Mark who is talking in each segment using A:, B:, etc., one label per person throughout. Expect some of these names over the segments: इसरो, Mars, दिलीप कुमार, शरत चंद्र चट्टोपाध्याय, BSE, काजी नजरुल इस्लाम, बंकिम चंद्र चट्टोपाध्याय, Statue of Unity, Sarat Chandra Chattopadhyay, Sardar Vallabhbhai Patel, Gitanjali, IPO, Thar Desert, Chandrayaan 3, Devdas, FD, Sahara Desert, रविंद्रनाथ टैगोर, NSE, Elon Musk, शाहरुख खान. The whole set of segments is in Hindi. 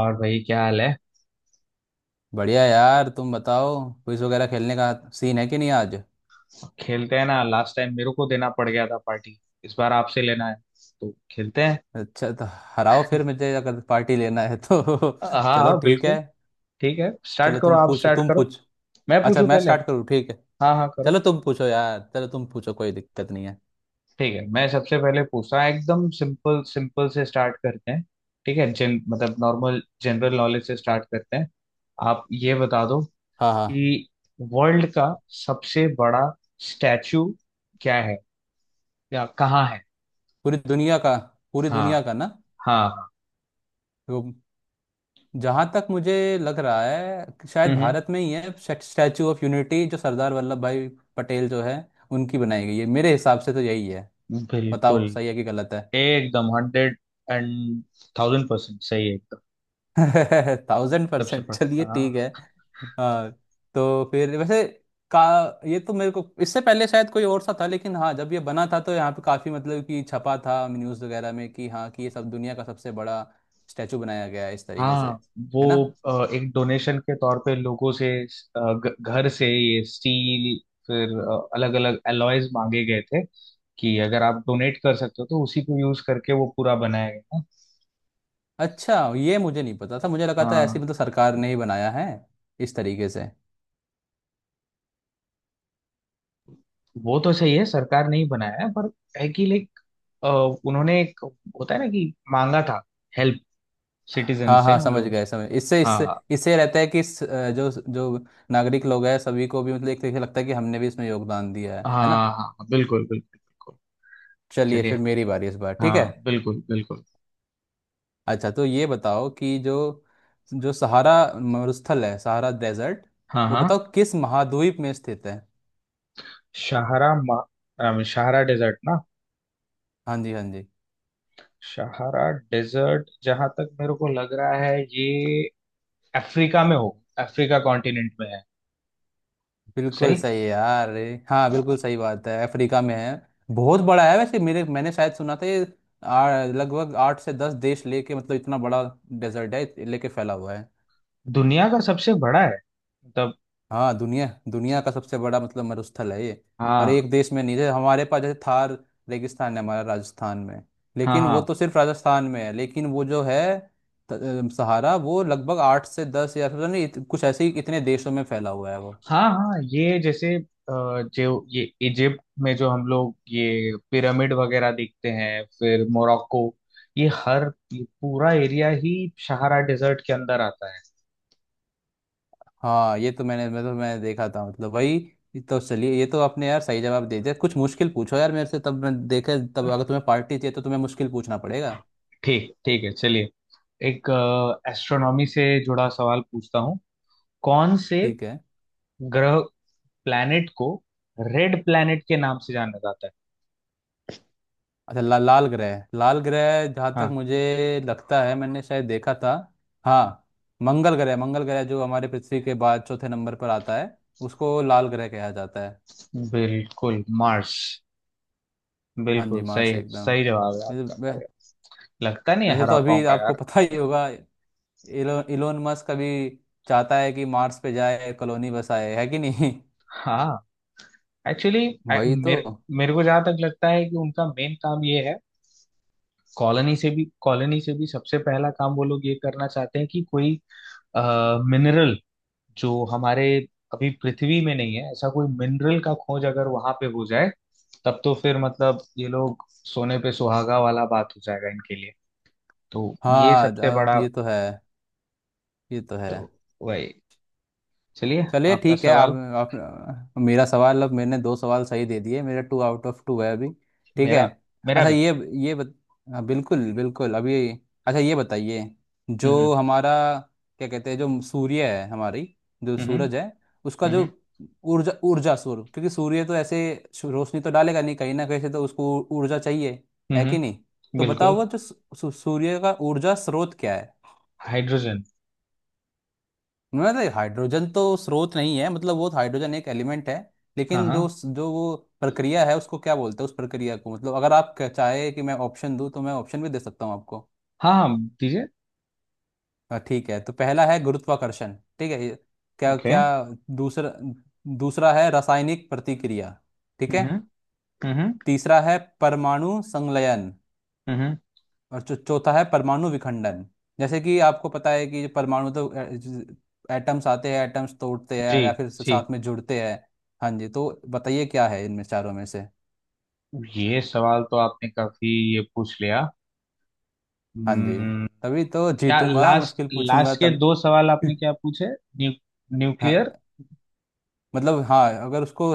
A: और भाई, क्या हाल है?
B: बढ़िया यार, तुम बताओ क्विज वगैरह खेलने का सीन है कि नहीं आज।
A: खेलते हैं ना। लास्ट टाइम मेरे को देना पड़ गया था पार्टी। इस बार आपसे लेना है, तो खेलते हैं।
B: अच्छा तो हराओ फिर मुझे अगर पार्टी लेना है तो
A: हाँ,
B: चलो
A: हाँ,
B: ठीक है।
A: बिल्कुल। ठीक है, स्टार्ट
B: चलो
A: करो।
B: तुम
A: आप
B: पूछो,
A: स्टार्ट
B: तुम
A: करो।
B: पूछ
A: मैं
B: अच्छा
A: पूछूं
B: मैं
A: पहले?
B: स्टार्ट करूँ ठीक है।
A: हाँ, हाँ, करो।
B: चलो तुम पूछो यार, चलो तुम पूछो, कोई दिक्कत नहीं है।
A: ठीक है, मैं सबसे पहले पूछता हूँ, एकदम सिंपल सिंपल से स्टार्ट करते हैं। ठीक है, जन मतलब नॉर्मल जनरल नॉलेज से स्टार्ट करते हैं। आप ये बता दो
B: हाँ हाँ।
A: कि वर्ल्ड का सबसे बड़ा स्टैचू क्या है या कहाँ है।
B: पूरी दुनिया का पूरी
A: हाँ,
B: दुनिया का ना?
A: हाँ, हाँ।
B: वो, जहाँ तक मुझे लग रहा है कि शायद
A: हम्म।
B: भारत में ही है। स्टैचू ऑफ यूनिटी, जो सरदार वल्लभ भाई पटेल जो है, उनकी बनाई गई है। मेरे हिसाब से तो यही है।
A: बिल्कुल।
B: बताओ सही है कि गलत है?
A: एकदम हंड्रेड एंड थाउजेंड परसेंट सही है, एकदम।
B: थाउजेंड
A: सबसे
B: परसेंट
A: पड़ता,
B: चलिए ठीक
A: हाँ।
B: है। आ, तो फिर वैसे का, ये तो मेरे को इससे पहले शायद कोई और सा था, लेकिन हाँ जब ये बना था तो यहाँ पे काफी मतलब कि छपा था न्यूज़ वगैरह में कि हाँ, कि ये सब दुनिया का सबसे बड़ा स्टैचू बनाया गया है, इस तरीके से,
A: हाँ, वो
B: है ना।
A: एक डोनेशन के तौर पे लोगों से, घर से ये स्टील, फिर अलग अलग एलॉयज मांगे गए थे कि अगर आप डोनेट कर सकते हो तो उसी को यूज करके वो पूरा बनाया गया ना।
B: अच्छा, ये मुझे नहीं पता था, मुझे लगा था ऐसी
A: हाँ,
B: मतलब सरकार ने ही बनाया है इस तरीके से।
A: वो तो सही है, सरकार नहीं बनाया है, पर है कि लाइक उन्होंने एक होता है ना कि मांगा था हेल्प सिटीजन
B: हाँ
A: से,
B: हाँ,
A: हम
B: समझ
A: लोग।
B: गए, समझ इससे
A: हाँ,
B: इससे
A: हाँ।
B: इससे रहता है कि जो जो नागरिक लोग हैं सभी को भी, मतलब एक तरीके से लगता है कि हमने भी इसमें योगदान दिया है ना।
A: हाँ, हाँ, बिल्कुल बिल्कुल बिल्कुल।
B: चलिए,
A: चलिए।
B: फिर मेरी बारी इस बार, ठीक है।
A: हाँ, बिल्कुल बिल्कुल।
B: अच्छा तो ये बताओ कि जो जो सहारा मरुस्थल है, सहारा डेजर्ट,
A: हाँ,
B: वो
A: हाँ।
B: बताओ किस महाद्वीप में स्थित है?
A: शाहरा मा, शाहरा डेजर्ट ना?
B: हाँ जी हाँ जी।
A: शाहरा डेजर्ट जहां तक मेरे को लग रहा है ये अफ्रीका में हो अफ्रीका कॉन्टिनेंट में है।
B: बिल्कुल
A: सही।
B: सही है यार, अरे हाँ,
A: अ,
B: बिल्कुल सही बात है, अफ्रीका में है। बहुत बड़ा है वैसे, मेरे, मैंने शायद सुना था ये लगभग 8 से 10 देश लेके, मतलब इतना बड़ा डेजर्ट है लेके, फैला हुआ है।
A: दुनिया का सबसे बड़ा है मतलब।
B: हाँ, दुनिया दुनिया का सबसे बड़ा मतलब मरुस्थल है ये, और
A: हाँ,
B: एक देश में नहीं है हमारे पास। जैसे थार रेगिस्तान है हमारा राजस्थान में,
A: हाँ,
B: लेकिन वो
A: हाँ,
B: तो सिर्फ राजस्थान में है, लेकिन वो जो है सहारा वो लगभग 8 से 10, या फिर नहीं कुछ ऐसे ही, इतने देशों में फैला हुआ है वो।
A: हाँ, हाँ, ये जैसे जो ये इजिप्ट में जो हम लोग ये पिरामिड वगैरह देखते हैं, फिर मोरक्को, ये हर ये पूरा एरिया ही सहारा डेजर्ट के अंदर आता है।
B: हाँ ये तो मैंने, मैंने देखा था, मतलब वही। ये तो चलिए, ये तो आपने यार सही जवाब दे दिया। कुछ मुश्किल पूछो यार मेरे से, तब मैं देखे, तब अगर तुम्हें पार्टी चाहिए तो तुम्हें मुश्किल पूछना पड़ेगा।
A: ठीक, ठीक है। चलिए, एक एस्ट्रोनॉमी से जुड़ा सवाल पूछता हूँ। कौन से
B: ठीक है।
A: ग्रह, प्लैनेट को रेड प्लैनेट के नाम से जाना जाता है?
B: अच्छा लाल ग्रह, जहाँ तक
A: हाँ,
B: मुझे लगता है, मैंने शायद देखा था। हाँ, मंगल ग्रह, जो हमारे पृथ्वी के बाद चौथे नंबर पर आता है, उसको लाल ग्रह कहा जाता है।
A: बिल्कुल, मार्स।
B: हाँ जी,
A: बिल्कुल सही
B: मार्स
A: है,
B: एकदम।
A: सही जवाब है
B: वैसे
A: आपका,
B: वै-
A: अरे। लगता नहीं
B: वैसे तो
A: हरा
B: अभी
A: पाऊंगा,
B: आपको
A: यार।
B: पता ही होगा, इलोन मस्क अभी चाहता है कि मार्स पे जाए, कॉलोनी बसाए, है कि नहीं।
A: हाँ, एक्चुअली
B: वही तो।
A: मेरे मेरे को जहां तक लगता है कि उनका मेन काम ये है। कॉलोनी से भी सबसे पहला काम वो लोग ये करना चाहते हैं कि कोई मिनरल, जो हमारे अभी पृथ्वी में नहीं है, ऐसा कोई मिनरल का खोज अगर वहां पे हो जाए, तब तो फिर मतलब ये लोग सोने पे सुहागा वाला बात हो जाएगा इनके लिए। तो ये
B: हाँ
A: सबसे बड़ा,
B: ये तो है, ये तो है
A: तो वही। चलिए।
B: चलिए
A: आपका
B: ठीक है।
A: सवाल।
B: आप मेरा सवाल, अब मैंने 2 सवाल सही दे दिए, मेरा 2 आउट ऑफ 2 है अभी। ठीक है।
A: मेरा मेरा
B: अच्छा
A: भी।
B: ये, ये बत, हाँ बिल्कुल बिल्कुल अभी। अच्छा ये बताइए,
A: हम्म,
B: जो हमारा, क्या कहते हैं, जो सूर्य है हमारी, जो
A: हम्म,
B: सूरज है, उसका जो
A: हम्म,
B: ऊर्जा, सूर्य, क्योंकि सूर्य तो ऐसे रोशनी तो डालेगा नहीं, कहीं ना कहीं से तो उसको ऊर्जा चाहिए,
A: हम्म,
B: है
A: हम्म।
B: कि नहीं? तो बताओ
A: बिल्कुल,
B: वो जो सू- सू- सूर्य का ऊर्जा स्रोत क्या है?
A: हाइड्रोजन।
B: मतलब हाइड्रोजन तो स्रोत नहीं है, मतलब वो हाइड्रोजन एक एलिमेंट है,
A: हाँ,
B: लेकिन जो
A: हाँ,
B: जो वो प्रक्रिया है उसको क्या बोलते हैं उस प्रक्रिया को। मतलब अगर आप चाहे कि मैं ऑप्शन दूं तो मैं ऑप्शन भी दे सकता हूं आपको।
A: हाँ, हाँ, दीजिए।
B: हाँ ठीक है, तो पहला है गुरुत्वाकर्षण, ठीक है। ये- क्या
A: ओके।
B: क्या दूसरा, है रासायनिक प्रतिक्रिया, ठीक
A: हम्म,
B: है।
A: हम्म,
B: तीसरा है परमाणु संलयन,
A: हम्म।
B: और जो चौथा है परमाणु विखंडन। जैसे कि आपको पता है कि परमाणु तो, एटम्स आते हैं, एटम्स तोड़ते
A: जी,
B: हैं या फिर
A: जी।
B: साथ में जुड़ते हैं। हाँ जी, तो बताइए क्या है इनमें चारों में से?
A: ये सवाल तो आपने काफी, ये पूछ लिया।
B: हाँ जी,
A: हम्म।
B: तभी तो
A: क्या
B: जीतूंगा,
A: लास्ट
B: मुश्किल पूछूंगा
A: लास्ट के
B: तब।
A: दो सवाल आपने क्या पूछे? न्यू
B: हाँ
A: न्यूक्लियर।
B: मतलब हाँ, अगर उसको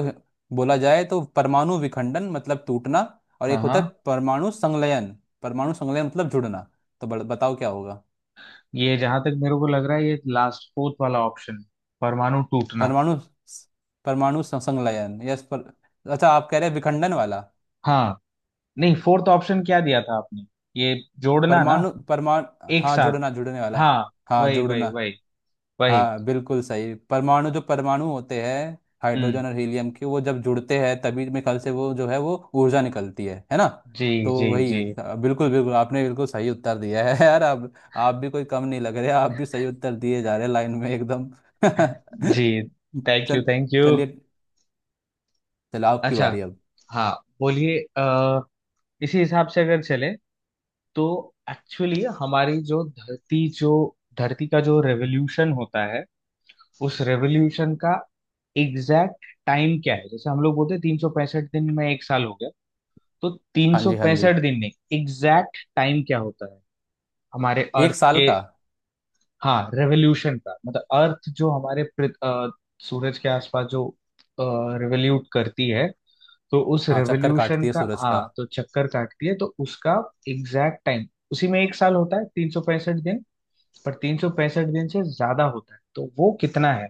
B: बोला जाए तो परमाणु विखंडन मतलब टूटना, और
A: हाँ,
B: एक
A: हाँ,
B: होता है परमाणु संलयन, परमाणु संलयन मतलब जुड़ना। तो बताओ क्या होगा?
A: ये जहां तक मेरे को लग रहा है ये लास्ट फोर्थ वाला ऑप्शन, परमाणु टूटना।
B: परमाणु परमाणु सं- संलयन, यस पर अच्छा, आप कह रहे हैं विखंडन वाला?
A: हाँ। नहीं, फोर्थ ऑप्शन क्या दिया था आपने? ये जोड़ना ना,
B: परमाणु परमाणु
A: एक
B: हाँ
A: साथ।
B: जुड़ना, जुड़ने वाला।
A: हाँ,
B: हाँ
A: वही
B: जुड़ना।
A: वही वही वही।
B: हाँ बिल्कुल सही, परमाणु जो परमाणु होते हैं
A: हम्म।
B: हाइड्रोजन और हीलियम के, वो जब जुड़ते हैं तभी मेरे ख्याल से वो जो है, वो ऊर्जा निकलती है ना।
A: जी,
B: तो
A: जी,
B: वही
A: जी,
B: बिल्कुल बिल्कुल, आपने बिल्कुल सही उत्तर दिया है यार, आप भी कोई कम नहीं लग रहे, आप भी सही उत्तर दिए जा रहे हैं लाइन में, एकदम
A: जी। थैंक
B: चल
A: यू, थैंक यू।
B: चलिए, चलो आपकी
A: अच्छा,
B: बारी अब।
A: हाँ, बोलिए। इसी हिसाब से अगर चले तो, एक्चुअली हमारी जो धरती का जो रेवोल्यूशन होता है, उस रेवोल्यूशन का एग्जैक्ट टाइम क्या है? जैसे हम लोग बोलते हैं 365 दिन में एक साल हो गया, तो तीन
B: हाँ
A: सौ
B: जी हाँ जी।
A: पैंसठ दिन में एग्जैक्ट टाइम क्या होता है हमारे
B: एक
A: अर्थ
B: साल
A: के?
B: का?
A: हाँ, रेवोल्यूशन का मतलब अर्थ जो हमारे सूरज के आसपास जो रेवोल्यूट करती है, तो उस
B: हाँ, चक्कर
A: रेवोल्यूशन
B: काटती है
A: का,
B: सूरज का।
A: हाँ, तो चक्कर काटती है, तो उसका एग्जैक्ट टाइम, उसी में एक साल होता है, 365 दिन। पर तीन सौ पैंसठ दिन से ज्यादा होता है, तो वो कितना है?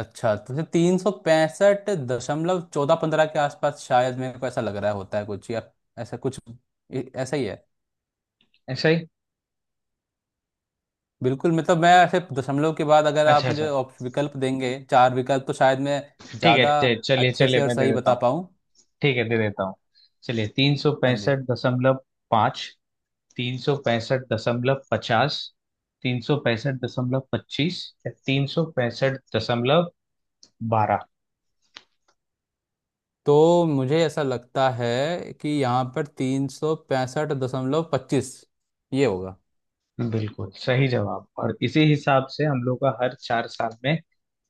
B: अच्छा, तो जैसे तीन सौ पैंसठ दशमलव चौदह पंद्रह के आसपास शायद, मेरे को ऐसा लग रहा होता है कुछ, या ऐसा कुछ। ऐसा ही है
A: ऐसा ही।
B: बिल्कुल। मतलब मैं ऐसे दशमलव के बाद अगर आप
A: अच्छा,
B: मुझे
A: अच्छा।
B: विकल्प देंगे, चार विकल्प, तो शायद मैं
A: ठीक है,
B: ज़्यादा
A: चलिए
B: अच्छे
A: चलिए,
B: से और
A: मैं दे
B: सही
A: देता
B: बता
A: हूँ।
B: पाऊँ।
A: ठीक है, दे देता हूँ। चलिए, तीन सौ
B: हाँ जी।
A: पैंसठ दशमलव पाँच 365.50, 365.25 या 365.12।
B: तो मुझे ऐसा लगता है कि यहाँ पर 365.25, ये होगा।
A: बिल्कुल सही जवाब। और इसी हिसाब से हम लोग का हर 4 साल में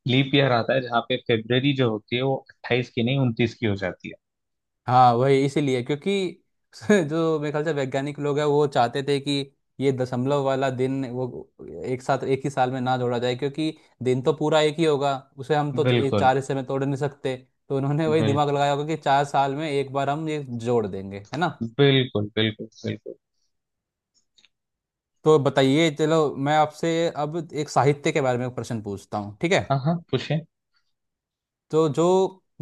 A: लीप ईयर आता है, जहाँ पे फेब्रवरी जो होती है वो 28 की नहीं, 29 की हो जाती
B: हाँ वही, इसीलिए क्योंकि जो मेरे ख्याल से वैज्ञानिक लोग हैं, वो चाहते थे कि ये दशमलव वाला दिन वो एक साथ एक ही साल में ना जोड़ा जाए, क्योंकि दिन तो पूरा एक ही होगा, उसे हम
A: है।
B: तो एक
A: बिल्कुल
B: चार हिस्से में तोड़ नहीं सकते। तो उन्होंने वही दिमाग
A: बिल्कुल
B: लगाया होगा कि 4 साल में एक बार हम ये जोड़ देंगे, है ना।
A: बिल्कुल बिल्कुल बिल्कुल।
B: तो बताइए, चलो मैं आपसे अब एक साहित्य के बारे में प्रश्न पूछता हूँ, ठीक है।
A: हाँ, हाँ, पूछे।
B: तो जो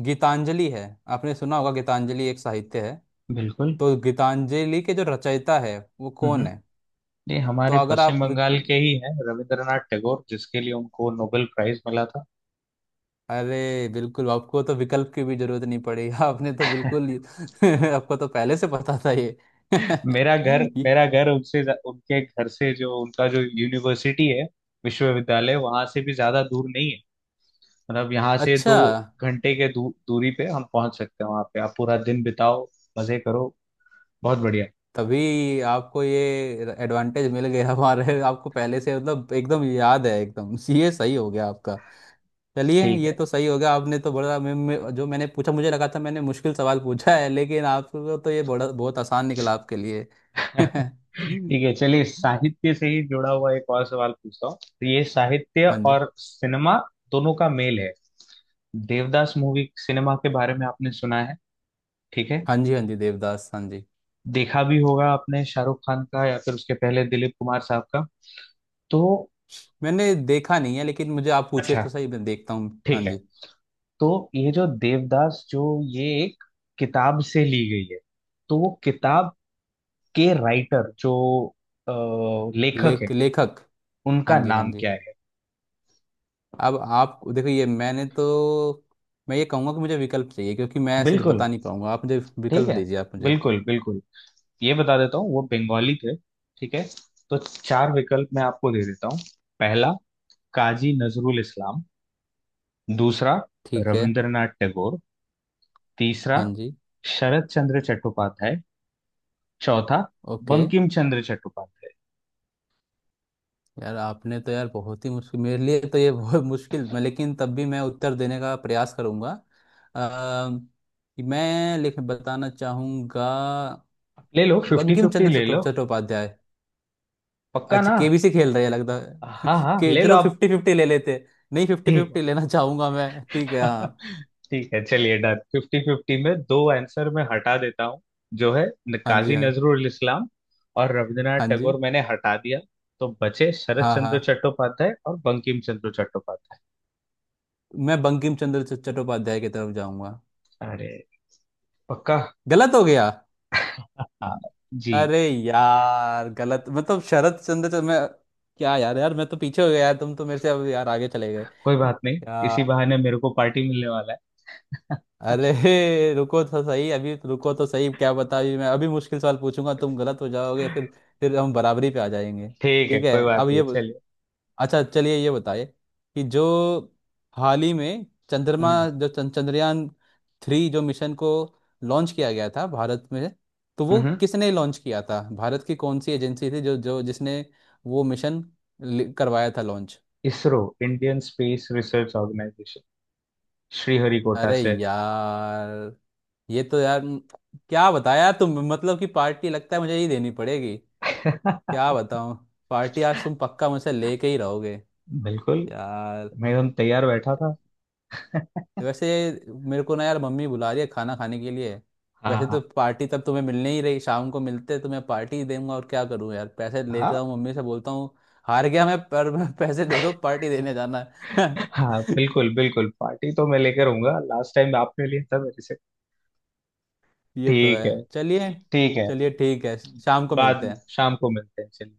B: गीतांजलि है, आपने सुना होगा, गीतांजलि एक साहित्य है,
A: बिल्कुल।
B: तो गीतांजलि के जो रचयिता है वो कौन
A: हम्म।
B: है?
A: ये
B: तो
A: हमारे
B: अगर
A: पश्चिम
B: आप
A: बंगाल के ही हैं, रविंद्रनाथ टैगोर, जिसके लिए उनको नोबेल प्राइज मिला था।
B: अरे बिल्कुल, आपको तो विकल्प की भी जरूरत नहीं पड़ी आपने तो बिल्कुल आपको तो पहले से पता था ये
A: मेरा घर
B: ये-
A: मेरा घर उनसे, उनके घर से, जो उनका जो यूनिवर्सिटी है, विश्वविद्यालय, वहां से भी ज्यादा दूर नहीं है। मतलब यहाँ से
B: अच्छा।
A: 2 घंटे के दूरी पे हम पहुंच सकते हैं। वहां पे आप पूरा दिन बिताओ, मजे करो, बहुत बढ़िया।
B: तभी आपको ये एडवांटेज मिल गया हमारे आपको पहले से मतलब एकदम याद है एकदम ये सही हो गया आपका। चलिए
A: ठीक
B: ये
A: है।
B: तो सही हो गया आपने, तो बड़ा जो मैंने पूछा, मुझे लगा था मैंने मुश्किल सवाल पूछा है, लेकिन आपको तो ये बड़ा बहुत आसान निकला आपके लिए
A: ठीक है, चलिए, साहित्य से ही जुड़ा हुआ एक और सवाल पूछता हूँ। तो ये साहित्य
B: हाँ जी
A: और सिनेमा दोनों का मेल है। देवदास मूवी, सिनेमा के बारे में आपने सुना है, ठीक है?
B: हाँ जी, हाँ जी देवदास, हाँ जी।
A: देखा भी होगा आपने, शाहरुख खान का या फिर उसके पहले दिलीप कुमार साहब का। तो,
B: मैंने देखा नहीं है, लेकिन मुझे आप पूछिए
A: अच्छा,
B: तो सही, मैं देखता हूँ, हाँ
A: ठीक है।
B: जी।
A: तो ये जो देवदास, जो ये एक किताब से ली गई है, तो वो किताब के राइटर, जो अ, लेखक है,
B: लेखक, हाँ
A: उनका
B: जी हाँ
A: नाम
B: जी।
A: क्या है?
B: अब आप देखो, ये मैंने तो, मैं ये कहूँगा कि मुझे विकल्प चाहिए, क्योंकि मैं ऐसे
A: बिल्कुल।
B: बता नहीं पाऊंगा। आप मुझे
A: ठीक
B: विकल्प
A: है,
B: दीजिए आप मुझे।
A: बिल्कुल बिल्कुल। ये बता देता हूँ, वो बंगाली थे। ठीक है, तो चार विकल्प मैं आपको दे देता हूँ। पहला, काजी नजरुल इस्लाम। दूसरा,
B: ठीक है,
A: रविंद्रनाथ टैगोर। तीसरा,
B: हाँ जी,
A: शरत चंद्र चट्टोपाध्याय। चौथा,
B: ओके।
A: बंकिम चंद्र चट्टोपाध्याय।
B: यार आपने तो यार बहुत ही मुश्किल मेरे लिए तो ये बहुत मुश्किल, मैं लेकिन तब भी मैं उत्तर देने का प्रयास करूँगा। अम, मैं लिख बताना चाहूँगा।
A: ले लो फिफ्टी
B: बंकिम
A: फिफ्टी,
B: चंद्र
A: ले लो।
B: चट्टोपाध्याय।
A: पक्का
B: अच्छा,
A: ना?
B: केबीसी खेल रहे हैं लगता है
A: हाँ, हाँ,
B: कि,
A: ले लो
B: चलो 50-50 ले लेते, नहीं 50-50
A: आप।
B: लेना चाहूंगा मैं, ठीक है हाँ।
A: ठीक है, चलिए, डन। फिफ्टी फिफ्टी में दो आंसर मैं हटा देता हूँ। जो है,
B: हाँ जी
A: काजी
B: हाँ,
A: नजरुल इस्लाम और रविंद्रनाथ
B: हाँ जी
A: टैगोर, मैंने हटा दिया। तो बचे शरत
B: हाँ, हाँ।
A: चंद्र चट्टोपाध्याय और बंकिम चंद्र चट्टोपाध्याय।
B: मैं बंकिम चंद्र चट्टोपाध्याय की तरफ जाऊंगा।
A: अरे, पक्का?
B: गलत हो गया?
A: हाँ जी।
B: अरे यार, गलत मतलब शरद चंद्र मैं, क्या यार। यार, मैं तो पीछे हो गया यार, तुम तो मेरे से अब यार आगे चले गए
A: कोई बात नहीं, इसी
B: यार।
A: बहाने मेरे को पार्टी मिलने वाला है।
B: अरे रुको तो सही अभी, तो रुको तो सही, क्या बता अभी, मैं अभी मुश्किल सवाल पूछूंगा, तुम गलत हो जाओगे। फिर हम बराबरी पे आ जाएंगे।
A: ठीक है,
B: ठीक है।
A: कोई बात
B: अब
A: नहीं,
B: ये
A: चलिए।
B: अच्छा चलिए, ये बताइए कि जो हाल ही में चंद्रमा,
A: हम्म,
B: जो चंद्रयान 3 जो मिशन को लॉन्च किया गया था भारत में, तो वो
A: हम्म।
B: किसने लॉन्च किया था, भारत की कौन सी एजेंसी थी जो, जिसने वो मिशन करवाया था launch?
A: इसरो, Indian space research organisation, Sriharikota
B: अरे
A: से।
B: यार, ये तो यार क्या बताया तुम, मतलब कि पार्टी लगता है मुझे ही देनी पड़ेगी। क्या बताऊं, पार्टी आज तुम पक्का मुझसे लेके ही रहोगे
A: बिल्कुल।
B: यार।
A: मैं एकदम तैयार बैठा था।
B: वैसे, मेरे को ना यार, मम्मी बुला रही है खाना खाने के लिए।
A: हाँ,
B: वैसे
A: हाँ।
B: तो पार्टी तब तुम्हें मिलने ही रही, शाम को मिलते तो मैं पार्टी ही दूंगा, और क्या करूं यार, पैसे
A: हाँ,
B: लेता हूँ मम्मी से, बोलता हूँ हार गया मैं, पर पैसे दे दो, पार्टी देने जाना है।
A: हाँ, बिल्कुल बिल्कुल, पार्टी तो मैं लेकर आऊंगा, लास्ट टाइम आपने लिया था मेरे से।
B: ये तो
A: ठीक
B: है।
A: है।
B: चलिए,
A: ठीक है,
B: चलिए ठीक है, शाम को मिलते
A: बाद
B: हैं।
A: शाम को मिलते हैं। चलिए।